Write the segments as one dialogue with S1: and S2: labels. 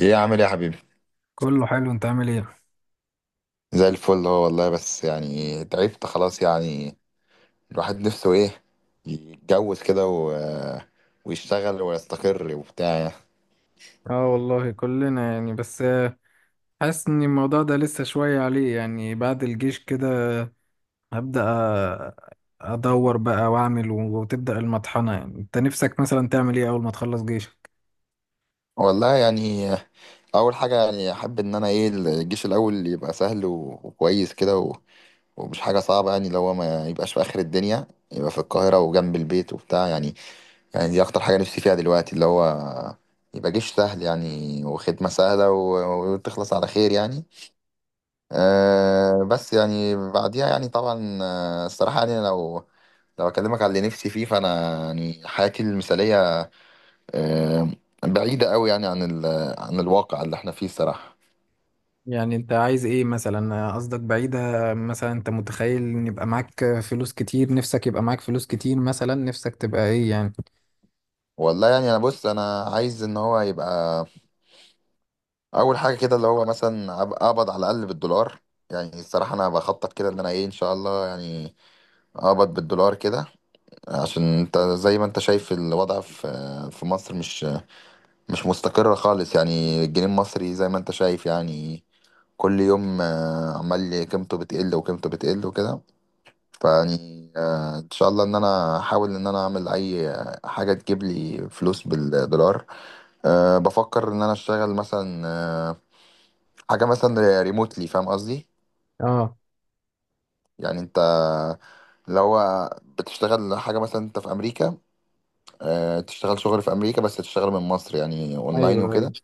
S1: ايه عامل ايه يا حبيبي؟
S2: كله حلو، انت عامل ايه؟
S1: زي الفل هو والله، بس يعني تعبت خلاص يعني الواحد نفسه ايه؟ يتجوز كده ويشتغل ويستقر وبتاع.
S2: اه والله كلنا يعني بس حاسس ان الموضوع ده لسه شوية عليه يعني. بعد الجيش كده هبدأ، أ- ادور بقى واعمل وتبدأ المطحنة. يعني انت نفسك مثلا تعمل ايه اول ما تخلص جيشك؟
S1: والله يعني اول حاجه، يعني احب ان انا ايه، الجيش الاول يبقى سهل وكويس كده ومش حاجه صعبه، يعني لو هو ما يبقاش في اخر الدنيا، يبقى في القاهره وجنب البيت وبتاع يعني. يعني دي اكتر حاجه نفسي فيها دلوقتي، اللي هو يبقى جيش سهل يعني، وخدمه سهله وتخلص على خير يعني. أه بس يعني بعديها، يعني طبعا، الصراحة يعني لو أكلمك على اللي نفسي فيه، فأنا يعني حياتي المثالية، أه، بعيدة قوي يعني عن عن الواقع اللي احنا فيه الصراحة.
S2: يعني انت عايز ايه مثلا؟ قصدك بعيدة؟ مثلا انت متخيل ان يبقى معاك فلوس كتير؟ نفسك يبقى معاك فلوس كتير مثلا؟ نفسك تبقى ايه يعني؟
S1: والله يعني أنا بص، أنا عايز إن هو يبقى أول حاجة كده، اللي هو مثلا أبقى أقبض على الأقل بالدولار. يعني الصراحة أنا بخطط كده إن أنا إيه، إن شاء الله يعني أقبض بالدولار كده، عشان أنت زي ما أنت شايف الوضع في مصر مش مستقرة خالص. يعني الجنيه المصري زي ما انت شايف يعني، كل يوم عمال قيمته بتقل وقيمته بتقل وكده. فيعني ان شاء الله ان انا احاول ان انا اعمل اي حاجة تجيب لي فلوس بالدولار. أه، بفكر ان انا اشتغل مثلا، أه، حاجة مثلا ريموتلي، فاهم قصدي؟
S2: اه،
S1: يعني انت لو بتشتغل حاجة مثلا، انت في امريكا، أه، تشتغل شغل في امريكا بس تشتغل من مصر، يعني اونلاين
S2: ايوه
S1: وكده.
S2: ايوه،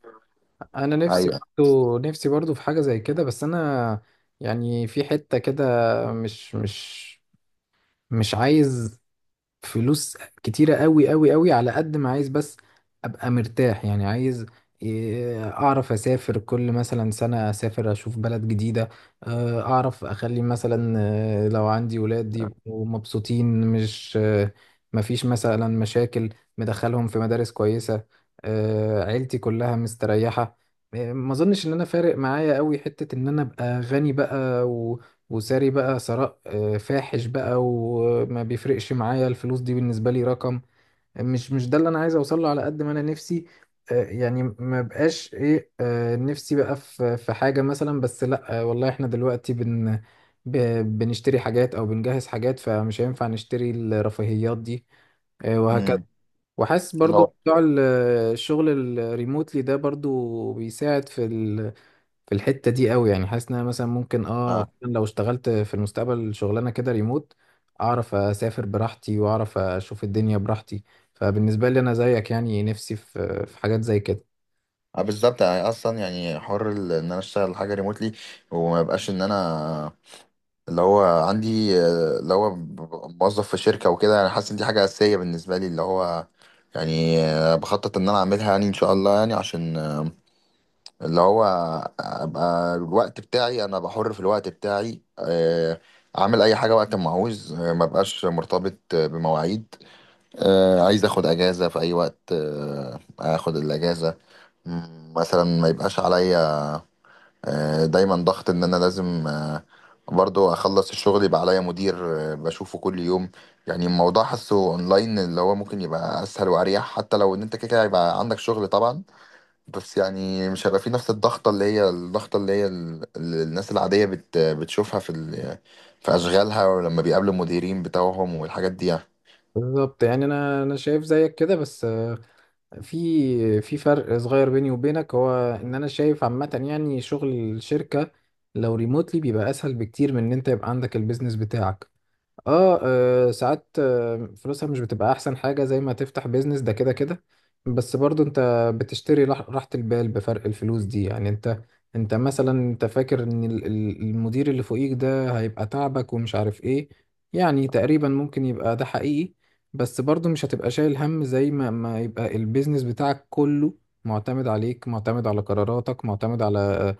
S2: انا نفسي
S1: ايوه.
S2: برضو، نفسي برضو في حاجه زي كده. بس انا يعني في حته كده مش مش عايز فلوس كتيرة قوي قوي قوي، على قد ما عايز بس ابقى مرتاح. يعني عايز إيه، اعرف اسافر كل مثلا سنة، اسافر اشوف بلد جديدة. اعرف اخلي مثلا، لو عندي ولاد يبقوا مبسوطين، مش مفيش مثلا مشاكل، مدخلهم في مدارس كويسة. عيلتي كلها مستريحة. ما اظنش ان انا فارق معايا قوي حتة ان انا ابقى غني بقى، وساري بقى ثراء فاحش بقى. وما بيفرقش معايا الفلوس دي. بالنسبة لي رقم مش ده اللي انا عايز اوصله على قد ما انا نفسي. يعني ما بقاش ايه نفسي بقى في في حاجة مثلا، بس لا. والله احنا دلوقتي ب- بنشتري حاجات او بنجهز حاجات، فمش هينفع نشتري الرفاهيات دي وهكذا.
S1: امم.
S2: وحاسس برضو
S1: لو.
S2: بتوع الشغل الريموتلي ده برضو بيساعد في في الحتة دي قوي. يعني حاسس ان انا مثلا ممكن اه فعلاً لو اشتغلت في المستقبل شغلانة كده ريموت، اعرف اسافر براحتي واعرف اشوف الدنيا براحتي. فبالنسبة لي انا زيك يعني، نفسي في في حاجات زي كده.
S1: اه بالظبط، يعني اصلا يعني حر ان انا اشتغل حاجه ريموتلي، وما يبقاش ان انا اللي هو عندي، اللي هو ببقى موظف في شركه وكده. انا حاسس ان دي حاجه اساسيه بالنسبه لي، اللي هو يعني بخطط ان انا اعملها يعني ان شاء الله يعني، عشان اللي هو ابقى الوقت بتاعي، انا بحر في الوقت بتاعي، اعمل اي حاجه وقت ما عاوز، ما بقاش مرتبط بمواعيد، عايز اخد اجازه في اي وقت، اخد الاجازه. مثلا ما يبقاش عليا دايما ضغط ان انا لازم برضو اخلص الشغل، يبقى عليا مدير بشوفه كل يوم. يعني الموضوع، حاسه اونلاين اللي هو ممكن يبقى اسهل واريح، حتى لو ان انت كده كده هيبقى عندك شغل طبعا، بس يعني مش هيبقى في نفس الضغطة، اللي هي الضغطة اللي هي اللي الناس العادية بتشوفها في في اشغالها، ولما بيقابلوا المديرين بتوعهم والحاجات دي يعني.
S2: بالظبط، يعني انا انا شايف زيك كده، بس في في فرق صغير بيني وبينك. هو ان انا شايف عامة يعني شغل الشركة لو ريموتلي بيبقى اسهل بكتير من ان انت يبقى عندك البيزنس بتاعك. اه، ساعات فلوسها مش بتبقى احسن حاجة زي ما تفتح بيزنس ده، كده كده. بس برضو انت بتشتري راحة البال بفرق الفلوس دي. يعني انت، انت مثلا انت فاكر ان المدير اللي فوقيك ده هيبقى تعبك ومش عارف ايه، يعني تقريبا ممكن يبقى ده حقيقي. بس برضو مش هتبقى شايل هم زي ما ما يبقى البيزنس بتاعك كله معتمد عليك، معتمد على قراراتك، معتمد على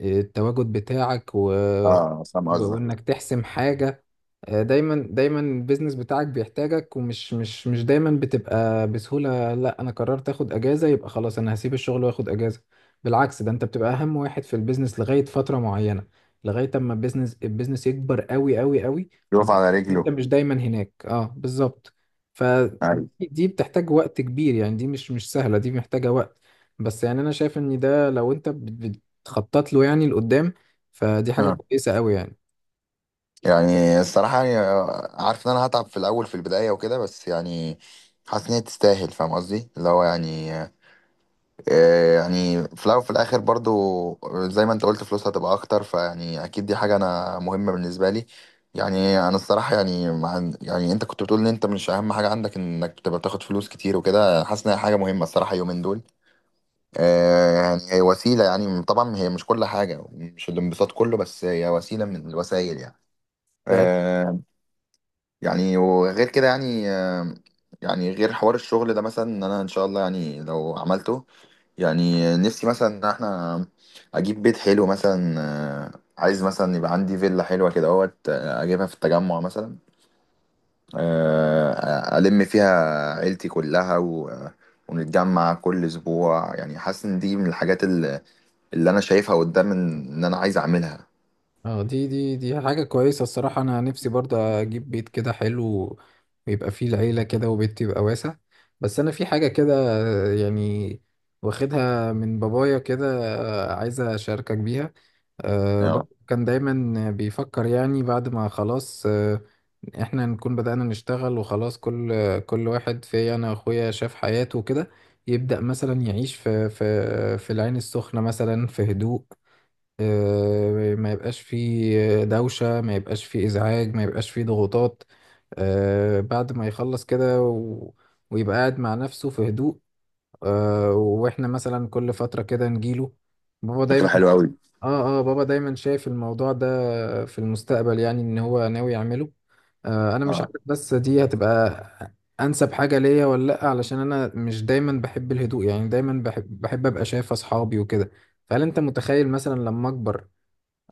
S2: التواجد بتاعك و...
S1: اه فاهم قصدك.
S2: وانك تحسم حاجة. دايما دايما البيزنس بتاعك بيحتاجك، ومش مش دايما بتبقى بسهولة، لا انا قررت اخد اجازة يبقى خلاص انا هسيب الشغل واخد اجازة. بالعكس، ده انت بتبقى اهم واحد في البيزنس لغاية فترة معينة، لغاية اما البيزنس يكبر قوي قوي قوي
S1: يقف
S2: لدرجة
S1: على
S2: إن انت
S1: رجله.
S2: مش دايما هناك. اه بالظبط.
S1: ايوه.
S2: فدي بتحتاج وقت كبير يعني، دي مش سهلة، دي محتاجة وقت. بس يعني انا شايف ان ده لو انت بتخطط له يعني لقدام، فدي حاجة كويسة قوي يعني.
S1: يعني الصراحة يعني، عارف إن أنا هتعب في الأول في البداية وكده، بس يعني حاسس إن هي تستاهل، فاهم قصدي؟ اللي هو يعني يعني في الأول وفي الآخر برضو، زي ما أنت قلت فلوسها هتبقى أكتر، فيعني أكيد دي حاجة أنا مهمة بالنسبة لي. يعني أنا الصراحة يعني، مع يعني أنت كنت بتقول إن أنت مش أهم حاجة عندك إنك تبقى بتاخد فلوس كتير وكده، حاسس إن هي حاجة مهمة الصراحة يومين دول. يعني هي وسيلة، يعني طبعا هي مش كل حاجة، مش الانبساط كله، بس هي وسيلة من الوسائل يعني. آه، يعني وغير كده يعني، يعني غير حوار الشغل ده مثلا، ان انا ان شاء الله يعني لو عملته، يعني نفسي مثلا ان احنا اجيب بيت حلو مثلا. عايز مثلا يبقى عندي فيلا حلوة كده اهوت، اجيبها في التجمع مثلا، الم فيها عيلتي كلها، و ونتجمع كل اسبوع. يعني حاسس ان دي من الحاجات اللي، اللي انا شايفها قدام، ان إن انا عايز اعملها.
S2: اه، دي حاجة كويسة الصراحة. أنا نفسي برضه أجيب بيت كده حلو، ويبقى فيه العيلة كده، وبيت يبقى واسع. بس أنا في حاجة كده، يعني واخدها من بابايا كده، عايزة أشاركك بيها. بابا
S1: آه،
S2: كان دايما بيفكر يعني بعد ما خلاص إحنا نكون بدأنا نشتغل وخلاص، كل كل واحد في أنا وأخويا شاف حياته وكده، يبدأ مثلا يعيش في في في العين السخنة مثلا في هدوء. ما يبقاش فيه دوشة، ما يبقاش فيه إزعاج، ما يبقاش فيه ضغوطات. بعد ما يخلص كده و... ويبقى قاعد مع نفسه في هدوء، وإحنا مثلا كل فترة كده نجيله. بابا
S1: فكرة
S2: دايما،
S1: حلوة قوي.
S2: آه آه، بابا دايما شايف الموضوع ده في المستقبل يعني إن هو ناوي يعمله. أنا مش
S1: اه.
S2: عارف بس دي هتبقى أنسب حاجة ليا ولا لأ، علشان أنا مش دايما بحب الهدوء. يعني دايما بحب, بحب أبقى شايف أصحابي وكده. فهل أنت متخيل مثلا لما أكبر،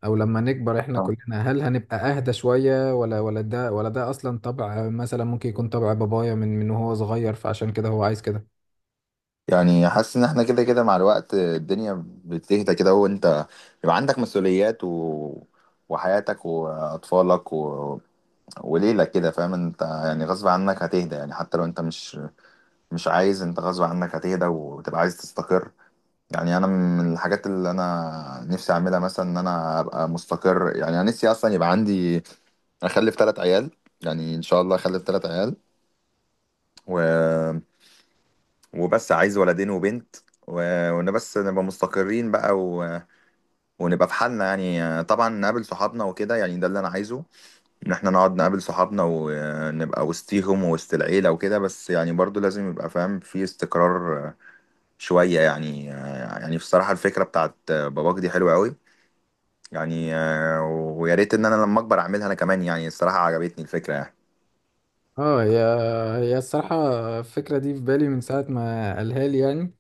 S2: او لما نكبر احنا
S1: آه.
S2: كلنا، هل هنبقى اهدى شوية؟ ولا ده اصلا طبع مثلا، ممكن يكون طبع بابايا من وهو صغير فعشان كده هو عايز كده.
S1: يعني حاسس ان احنا كده كده مع الوقت الدنيا بتهدى كده، وانت يبقى عندك مسؤوليات وحياتك واطفالك وليلك كده، فاهم انت؟ يعني غصب عنك هتهدى، يعني حتى لو انت مش عايز، انت غصب عنك هتهدى وتبقى عايز تستقر. يعني انا من الحاجات اللي انا نفسي اعملها مثلا ان انا ابقى مستقر. يعني انا نفسي اصلا يبقى عندي، اخلف 3 عيال، يعني ان شاء الله اخلف 3 عيال، و وبس عايز ولدين وبنت، وان بس نبقى مستقرين بقى ونبقى في حالنا. يعني طبعا نقابل صحابنا وكده، يعني ده اللي انا عايزه، ان احنا نقعد نقابل صحابنا ونبقى وسطيهم ووسط العيلة وكده، بس يعني برضو لازم يبقى فاهم في استقرار شوية يعني. يعني بصراحة الفكرة بتاعت باباك دي حلوة قوي يعني، ويا ريت ان انا لما اكبر اعملها انا كمان. يعني الصراحة عجبتني الفكرة يعني.
S2: اه هي، هي الصراحة الفكرة دي في بالي من ساعة ما قالها لي يعني.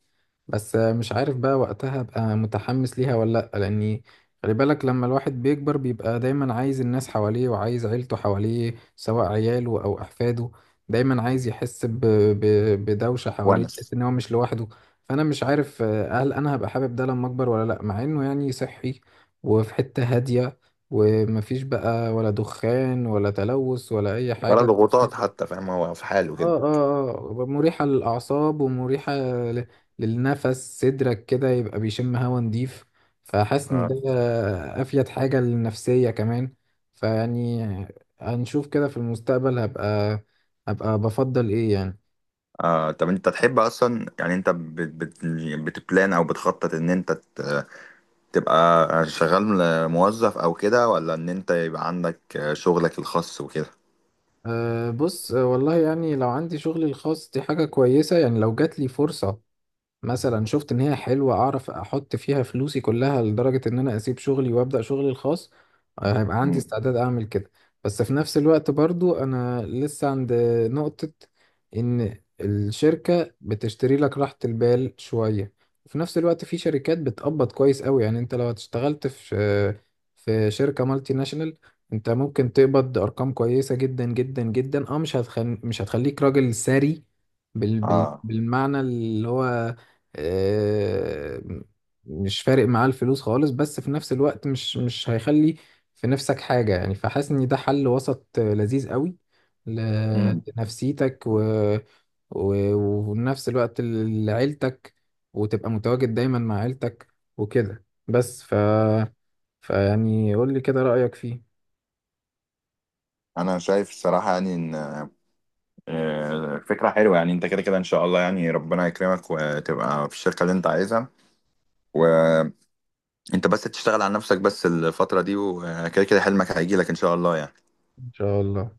S2: بس مش عارف بقى وقتها ابقى متحمس ليها ولا لأ، لأني خلي بالك لما الواحد بيكبر بيبقى دايما عايز الناس حواليه، وعايز عيلته حواليه، سواء عياله أو أحفاده. دايما عايز يحس ب... ب... بدوشة حواليه،
S1: ونس.
S2: يحس إن هو مش لوحده. فأنا مش عارف هل أنا هبقى حابب ده لما أكبر ولا لأ، مع إنه يعني صحي، وفي حتة هادية، ومفيش بقى ولا دخان ولا تلوث ولا أي
S1: ولا
S2: حاجة.
S1: ضغوطات حتى، فاهم هو في حاله كده.
S2: اه اه، اه مريحة للأعصاب، ومريحة ل- للنفس، صدرك كده يبقى بيشم هوا نضيف. فحاسس إن ده أفيد حاجة للنفسية كمان. فيعني هنشوف كده في المستقبل هبقى، هبقى بفضل إيه يعني.
S1: آه، طب انت تحب اصلا، يعني انت بت بت بتبلان او بتخطط ان انت تبقى شغال موظف او كده، ولا ان انت يبقى عندك شغلك الخاص وكده؟
S2: أه بص، والله يعني لو عندي شغلي الخاص دي حاجة كويسة. يعني لو جات لي فرصة مثلا شفت ان هي حلوه، اعرف احط فيها فلوسي كلها لدرجه ان انا اسيب شغلي وابدا شغلي الخاص، هيبقى عندي
S1: مم.
S2: استعداد اعمل كده. بس في نفس الوقت برضو انا لسه عند نقطه ان الشركه بتشتري لك راحه البال شويه. وفي نفس الوقت في شركات بتقبض كويس قوي. يعني انت لو اشتغلت في في شركه مالتي ناشونال، انت ممكن تقبض ارقام كويسه جدا جدا جدا. اه، مش هتخليك راجل ثري
S1: اه.
S2: بالمعنى اللي هو آه، مش فارق معاه الفلوس خالص. بس في نفس الوقت مش هيخلي في نفسك حاجة يعني. فحاسس ان ده حل وسط لذيذ قوي ل-
S1: مم.
S2: لنفسيتك و... و... وفي نفس الوقت لعيلتك، وتبقى متواجد دايما مع عيلتك وكده. بس ف... فيعني قول لي كده رأيك فيه.
S1: انا شايف الصراحه يعني ان فكره حلوه. يعني انت كده كده ان شاء الله يعني ربنا يكرمك وتبقى في الشركه اللي انت عايزها، وانت بس تشتغل على نفسك بس الفتره دي، وكده كده حلمك هيجي لك ان شاء الله يعني.
S2: ان شاء الله.